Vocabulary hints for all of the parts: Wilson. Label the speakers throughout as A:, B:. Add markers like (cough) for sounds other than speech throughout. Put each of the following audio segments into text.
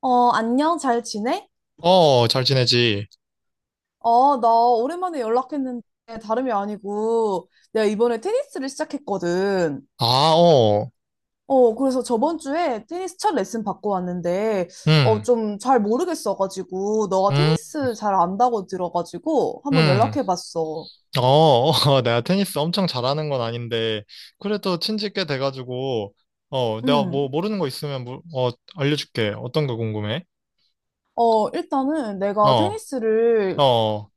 A: 안녕, 잘 지내?
B: 어, 잘 지내지.
A: 나 오랜만에 연락했는데 다름이 아니고 내가 이번에 테니스를 시작했거든.
B: 아, 어,
A: 그래서 저번 주에 테니스 첫 레슨 받고 왔는데
B: 응,
A: 좀 잘 모르겠어가지고 너가
B: 응,
A: 테니스 잘 안다고 들어가지고 한번
B: 응.
A: 연락해봤어.
B: 어, (laughs) 어, 내가 테니스 엄청 잘하는 건 아닌데, 그래도 친지 꽤 돼가지고, 어, 내가 뭐
A: 음.
B: 모르는 거 있으면, 알려줄게. 어떤 거 궁금해?
A: 일단은 내가
B: 어,
A: 테니스를
B: 어,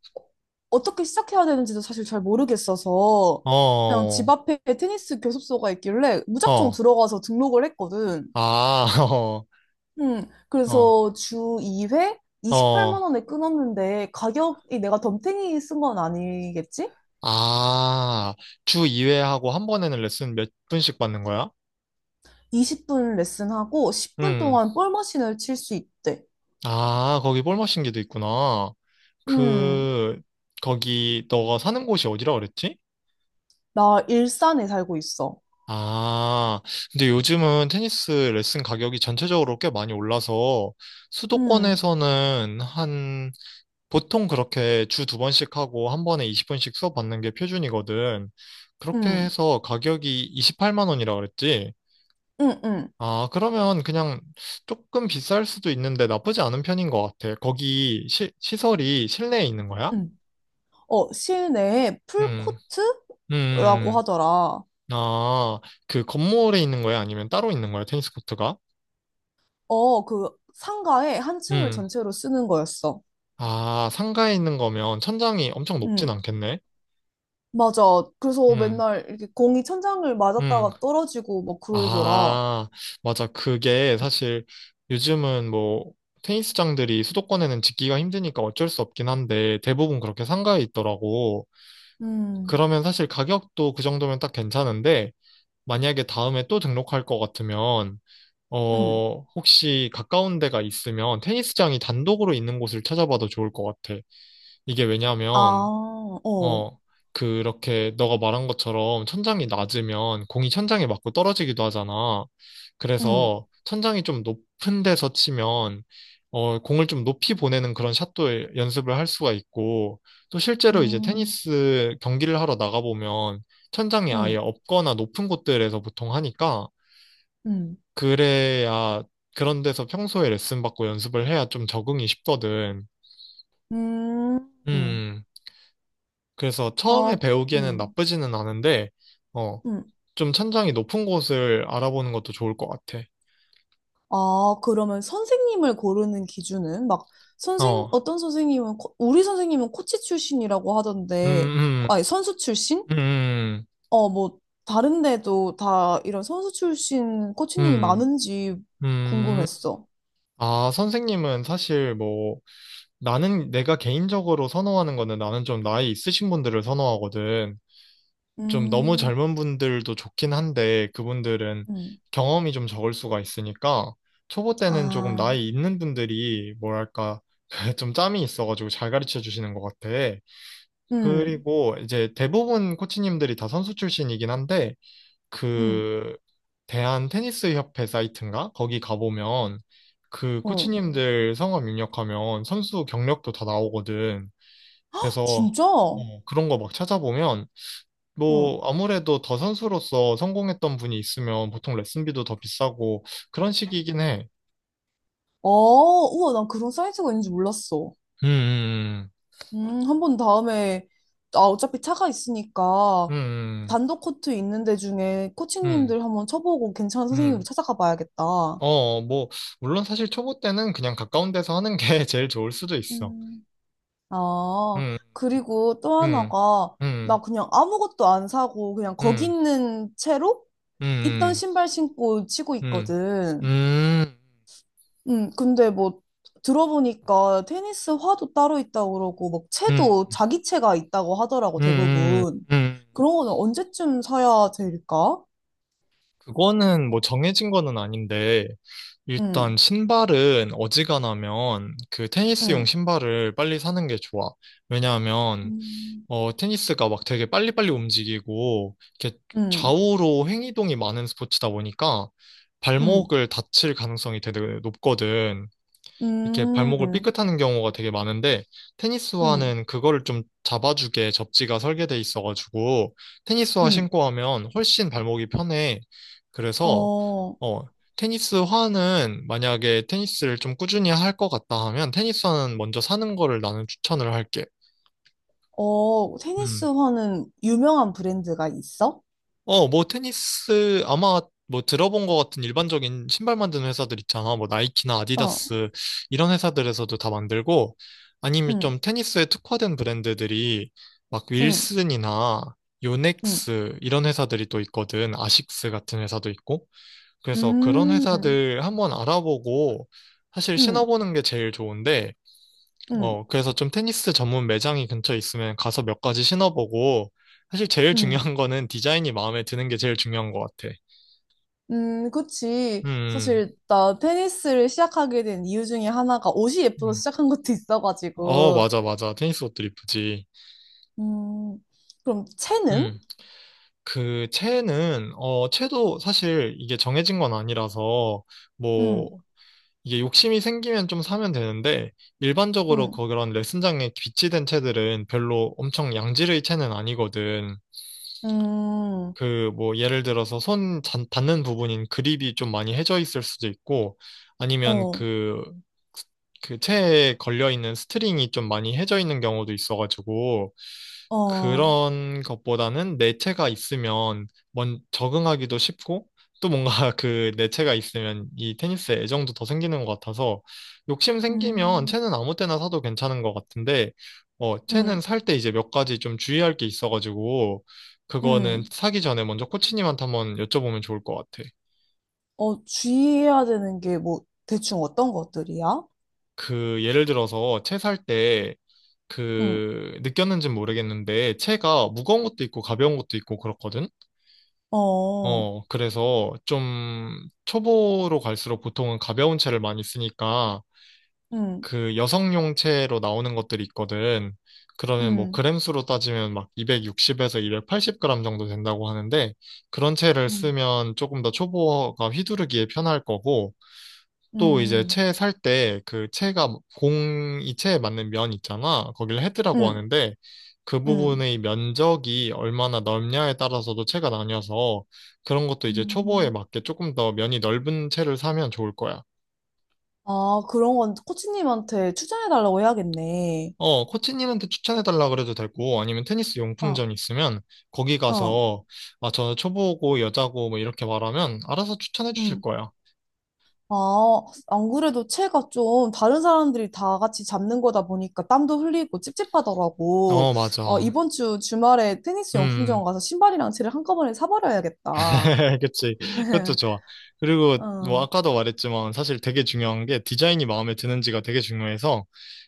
A: 어떻게 시작해야 되는지도 사실 잘 모르겠어서 그냥
B: 어,
A: 집 앞에 테니스 교습소가 있길래 무작정
B: 어,
A: 들어가서 등록을 했거든.
B: 아, (laughs) 어, 어,
A: 그래서 주 2회
B: 어,
A: 28만 원에 끊었는데 가격이 내가 덤탱이 쓴 건 아니겠지?
B: 아, 주 2회 하고 한 번에는 레슨 몇 분씩 받는 거야?
A: 20분 레슨하고 10분
B: 응.
A: 동안 볼 머신을 칠 수 있대.
B: 아, 거기 볼 마신 게도 있구나.
A: 음,
B: 그, 거기 너가 사는 곳이 어디라 그랬지?
A: 나 일산에 살고 있어.
B: 아, 근데 요즘은 테니스 레슨 가격이 전체적으로 꽤 많이 올라서
A: 음,
B: 수도권에서는 한, 보통 그렇게 주 두 번씩 하고 한 번에 20분씩 수업 받는 게 표준이거든. 그렇게
A: 음,
B: 해서 가격이 28만 원이라 그랬지?
A: 음, 음,
B: 아, 그러면 그냥 조금 비쌀 수도 있는데 나쁘지 않은 편인 것 같아. 거기 시설이 실내에 있는 거야?
A: 음. 실내에
B: 음, 음,
A: 풀코트라고
B: 음,
A: 하더라.
B: 음. 아, 그 건물에 있는 거예요? 아니면 따로 있는 거예요? 테니스 코트가?
A: 그 상가에 한 층을
B: 음,
A: 전체로 쓰는 거였어.
B: 아, 상가에 있는 거면 천장이 엄청 높진
A: 음,
B: 않겠네?
A: 맞아. 그래서
B: 음,
A: 맨날 이렇게 공이 천장을
B: 음,
A: 맞았다가 떨어지고 막 그러더라.
B: 아, 맞아. 그게 사실 요즘은 뭐, 테니스장들이 수도권에는 짓기가 힘드니까 어쩔 수 없긴 한데 대부분 그렇게 상가에 있더라고.
A: 음,
B: 그러면 사실 가격도 그 정도면 딱 괜찮은데 만약에 다음에 또 등록할 것 같으면
A: 음,
B: 어, 혹시 가까운 데가 있으면 테니스장이 단독으로 있는 곳을 찾아봐도 좋을 것 같아. 이게
A: 아,
B: 왜냐면,
A: 어,
B: 어, 그렇게 너가 말한 것처럼 천장이 낮으면 공이 천장에 맞고 떨어지기도 하잖아.
A: 음,
B: 그래서 천장이 좀 높은 데서 치면, 어, 공을 좀 높이 보내는 그런 샷도 연습을 할 수가 있고, 또 실제로 이제
A: 음,
B: 테니스 경기를 하러 나가보면 천장이 아예
A: 음,
B: 없거나 높은 곳들에서 보통 하니까,
A: 음,
B: 그래야 그런 데서 평소에 레슨 받고 연습을 해야 좀 적응이 쉽거든.
A: 음,
B: 음, 그래서 처음에
A: 아, 그-
B: 배우기에는
A: 음,
B: 나쁘지는 않은데, 어,
A: 음.
B: 좀 천장이 높은 곳을 알아보는 것도 좋을 것 같아.
A: 아, 그러면 선생님을 고르는 기준은 막 선생
B: 어,
A: 어떤 선생님은 우리 선생님은 코치 출신이라고 하던데,
B: 음,
A: 아니 선수 출신?
B: 음, 음,
A: 어, 뭐 다른 데도 다 이런 선수 출신 코치님이
B: 음,
A: 많은지
B: 음.
A: 궁금했어.
B: 아, 선생님은 사실 뭐, 나는 내가 개인적으로 선호하는 거는 나는 좀 나이 있으신 분들을 선호하거든. 좀 너무
A: 음,
B: 젊은 분들도 좋긴 한데 그분들은
A: 음,
B: 경험이 좀 적을 수가 있으니까 초보 때는 조금
A: 아,
B: 나이 있는 분들이 뭐랄까 (laughs) 좀 짬이 있어가지고 잘 가르쳐 주시는 것 같아.
A: 음,
B: 그리고 이제 대부분 코치님들이 다 선수 출신이긴 한데
A: 음,
B: 그 대한 테니스 협회 사이트인가? 거기 가보면 그
A: 어,
B: 코치님들 성함 입력하면 선수 경력도 다 나오거든. 그래서
A: 진짜?
B: 어, 그런 거 막 찾아보면
A: 응.
B: 뭐, 아무래도 더 선수로서 성공했던 분이 있으면 보통 레슨비도 더 비싸고 그런 식이긴 해.
A: 우와, 난 그런 사이트가 있는지 몰랐어.
B: 음,
A: 한번 다음에, 아, 어차피 차가 있으니까,
B: 음, 음,
A: 단독 코트 있는 데 중에
B: 음,
A: 코치님들 한번 쳐보고 괜찮은 선생님으로
B: 음.
A: 찾아가 봐야겠다.
B: 어, 뭐, 물론 사실 초보 때는 그냥 가까운 데서 하는 게 (laughs) 제일 좋을 수도 있어.
A: 음, 아,
B: 음,
A: 그리고 또
B: 음,
A: 하나가, 나
B: 음,
A: 그냥 아무것도 안 사고, 그냥 거기
B: 음,
A: 있는 채로 있던
B: 음,
A: 신발 신고 치고
B: 음, 음,
A: 있거든.
B: 음,
A: 근데 뭐 들어보니까 테니스 화도 따로 있다고 그러고 막
B: 음,
A: 채도 자기 채가 있다고 하더라고
B: 음,
A: 대부분.
B: 음. 음.
A: 그런 거는 언제쯤 사야 될까?
B: 그거는 뭐 정해진 거는 아닌데, 일단
A: 음,
B: 신발은 어지간하면 그 테니스용
A: 음,
B: 신발을 빨리 사는 게 좋아. 왜냐하면
A: 음,
B: 어 테니스가 막 되게 빨리빨리 움직이고 이렇게
A: 음,
B: 좌우로 횡이동이 많은 스포츠다 보니까
A: 음,
B: 발목을 다칠 가능성이 되게 높거든. 이렇게 발목을
A: 음,
B: 삐끗하는 경우가 되게 많은데
A: 음,
B: 테니스화는 그거를 좀 잡아주게 접지가 설계돼 있어가지고 테니스화
A: 음.
B: 신고 하면 훨씬 발목이 편해. 그래서
A: 어,
B: 어 테니스화는 만약에 테니스를 좀 꾸준히 할 것 같다 하면 테니스화는 먼저 사는 거를 나는 추천을 할게.
A: 어, 테니스
B: 음.
A: 화는 유명한 브랜드가 있어?
B: 어, 뭐 테니스 아마 뭐 들어본 것 같은 일반적인 신발 만드는 회사들 있잖아. 뭐 나이키나
A: 어,
B: 아디다스 이런 회사들에서도 다 만들고 아니면
A: 음,
B: 좀 테니스에 특화된 브랜드들이 막
A: 음,
B: 윌슨이나
A: 음,
B: 요넥스 이런 회사들이 또 있거든. 아식스 같은 회사도 있고. 그래서 그런
A: 음,
B: 회사들 한번 알아보고 사실
A: 음,
B: 신어보는 게 제일 좋은데
A: 음,
B: 어, 그래서 좀 테니스 전문 매장이 근처에 있으면 가서 몇 가지 신어보고, 사실 제일
A: 음.
B: 중요한 거는 디자인이 마음에 드는 게 제일 중요한 것 같아.
A: 그치.
B: 음,
A: 사실, 나 테니스를 시작하게 된 이유 중에 하나가 옷이 예뻐서
B: 음.
A: 시작한 것도
B: 어,
A: 있어가지고.
B: 맞아, 맞아. 테니스 옷들 이쁘지.
A: 음, 그럼 채는?
B: 음, 그, 채는, 어, 채도 사실 이게 정해진 건 아니라서,
A: 음,
B: 뭐, 이게 욕심이 생기면 좀 사면 되는데, 일반적으로
A: 음,
B: 그런 레슨장에 비치된 채들은 별로 엄청 양질의 채는 아니거든.
A: 음,
B: 그 뭐 예를 들어서 닿는 부분인 그립이 좀 많이 해져 있을 수도 있고 아니면
A: 어,
B: 그 체에 걸려 있는 스트링이 좀 많이 해져 있는 경우도 있어가지고
A: 어,
B: 그런 것보다는 내체가 있으면 먼 적응하기도 쉽고 또 뭔가 (laughs) 그 내체가 있으면 이 테니스에 애정도 더 생기는 것 같아서 욕심 생기면
A: 음,
B: 채는 아무 때나 사도 괜찮은 것 같은데 어 채는
A: 음,
B: 살 때 이제 몇 가지 좀 주의할 게 있어가지고 그거는
A: 음.
B: 사기 전에 먼저 코치님한테 한번 여쭤보면 좋을 것 같아.
A: 주의해야 되는 게 뭐, 대충 어떤 것들이야?
B: 그 예를 들어서 채 살 때
A: 음,
B: 그 느꼈는지는 모르겠는데 채가 무거운 것도 있고 가벼운 것도 있고 그렇거든.
A: 어,
B: 어, 그래서 좀 초보로 갈수록 보통은 가벼운 채를 많이 쓰니까
A: 음,
B: 그 여성용 채로 나오는 것들이 있거든. 그러면 뭐
A: 음,
B: 그램수로 따지면 막 260에서 280g 정도 된다고 하는데 그런 채를
A: 음,
B: 쓰면 조금 더 초보가 휘두르기에 편할 거고 또 이제
A: 음,
B: 채 살 때 그 채가 공이 채에 맞는 면 있잖아. 거기를 헤드라고
A: 음,
B: 하는데 그
A: 음.
B: 부분의 면적이 얼마나 넓냐에 따라서도 채가 나뉘어서 그런 것도 이제 초보에
A: 음.
B: 맞게 조금 더 면이 넓은 채를 사면 좋을 거야.
A: 아, 그런 건 코치님한테 추천해달라고 해야겠네.
B: 어, 코치님한테 추천해달라 그래도 되고 아니면 테니스
A: 어.
B: 용품점 있으면 거기
A: 어.
B: 가서 아, 저는 초보고 여자고 뭐 이렇게 말하면 알아서 추천해 주실
A: 응.
B: 거야.
A: 아, 안 그래도 채가 좀 다른 사람들이 다 같이 잡는 거다 보니까 땀도 흘리고 찝찝하더라고.
B: 어, 맞아.
A: 이번 주 주말에 테니스 용품점
B: 음.
A: 가서 신발이랑 채를 한꺼번에 사버려야겠다.
B: (laughs) 그치. 그것도
A: (laughs)
B: 좋아. 그리고 뭐
A: 어,
B: 아까도 말했지만 사실 되게 중요한 게 디자인이 마음에 드는지가 되게 중요해서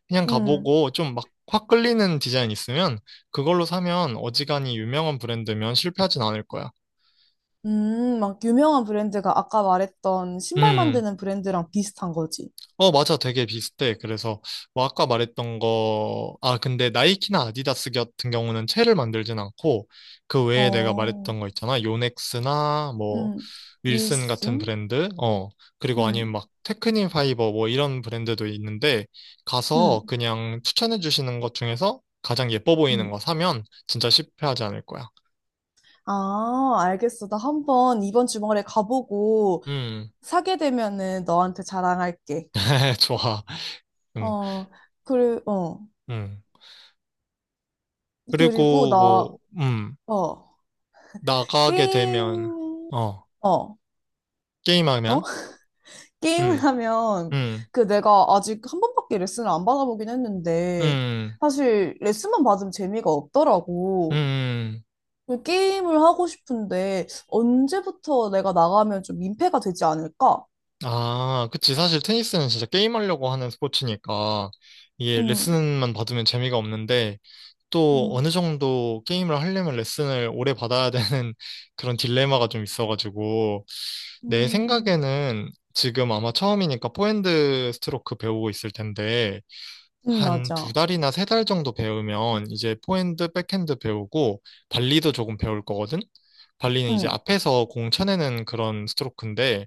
B: 그냥
A: 음,
B: 가보고 좀 막 확 끌리는 디자인 있으면 그걸로 사면 어지간히 유명한 브랜드면 실패하진 않을 거야.
A: 막 유명한 브랜드가 아까 말했던 신발
B: 음.
A: 만드는 브랜드랑 비슷한 거지.
B: 어, 맞아. 되게 비슷해. 그래서, 뭐, 아까 말했던 거, 아, 근데 나이키나 아디다스 같은 경우는 채를 만들진 않고, 그 외에 내가
A: 어,
B: 말했던 거 있잖아. 요넥스나, 뭐,
A: 음,
B: 윌슨 같은
A: 윌슨?
B: 브랜드, 어, 그리고 아니면
A: 음,
B: 막, 테크닌 파이버, 뭐, 이런 브랜드도 있는데, 가서
A: 음,
B: 그냥 추천해 주시는 것 중에서 가장 예뻐 보이는
A: 음.
B: 거 사면 진짜 실패하지 않을 거야.
A: 아, 알겠어. 나 한번 이번 주말에 가보고
B: 음,
A: 사게 되면은 너한테 자랑할게.
B: (laughs) 좋아. 음,
A: 어, 어,
B: 음.
A: 그리고
B: 그리고
A: 나,
B: 뭐,
A: 어,
B: 나가게 되면,
A: 게임,
B: 어.
A: 어, 어?
B: 게임하면?
A: (laughs) 게임을
B: 음,
A: 하면,
B: 음,
A: 그 내가 아직 한 번밖에 레슨을 안 받아보긴 했는데,
B: 음,
A: 사실 레슨만 받으면 재미가 없더라고.
B: 음.
A: 그 게임을 하고 싶은데, 언제부터 내가 나가면 좀 민폐가 되지 않을까?
B: 아, 그치. 사실 테니스는 진짜 게임하려고 하는 스포츠니까 이게
A: 응,
B: 레슨만 받으면 재미가 없는데 또
A: 응,
B: 어느 정도 게임을 하려면 레슨을 오래 받아야 되는 (laughs) 그런 딜레마가 좀 있어가지고 내
A: 응,
B: 생각에는 지금 아마 처음이니까 포핸드 스트로크 배우고 있을 텐데
A: 응,
B: 한 두
A: 맞아.
B: 달이나 세 달 정도 배우면 이제 포핸드, 백핸드 배우고 발리도 조금 배울 거거든? 발리는 이제
A: 응,
B: 앞에서 공 쳐내는 그런 스트로크인데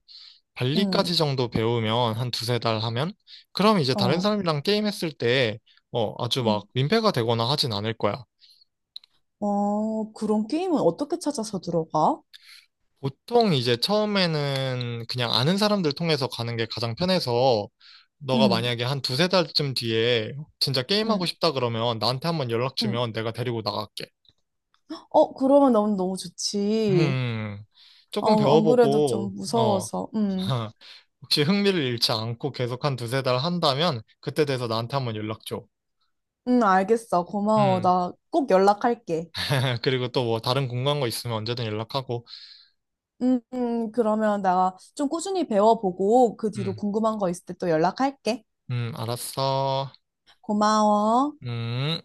A: 응,
B: 발리까지 정도 배우면 한 두세 달 하면 그럼 이제 다른
A: 어,
B: 사람이랑 게임했을 때 어, 아주 막
A: 응.
B: 민폐가 되거나 하진 않을 거야.
A: 그런 게임은 어떻게 찾아서 들어가?
B: 보통 이제 처음에는 그냥 아는 사람들 통해서 가는 게 가장 편해서 너가
A: 응,
B: 만약에 한 두세 달쯤 뒤에 진짜 게임하고
A: 응,
B: 싶다 그러면 나한테 한번 연락
A: 응.
B: 주면 내가 데리고 나갈게.
A: 그러면 너무 너무 좋지.
B: 음, 조금
A: 안 그래도
B: 배워보고,
A: 좀
B: 어,
A: 무서워서. 응,
B: (laughs) 혹시 흥미를 잃지 않고 계속 한 두세 달 한다면, 그때 돼서 나한테 한번 연락 줘.
A: 응, 알겠어. 고마워.
B: 음,
A: 나 꼭 연락할게.
B: (laughs) 그리고 또 뭐 다른 궁금한 거 있으면 언제든 연락하고,
A: 응, 응, 그러면 나 좀 꾸준히 배워보고 그 뒤로
B: 음,
A: 궁금한 거 있을 때 또 연락할게.
B: 알았어.
A: 고마워.
B: 음.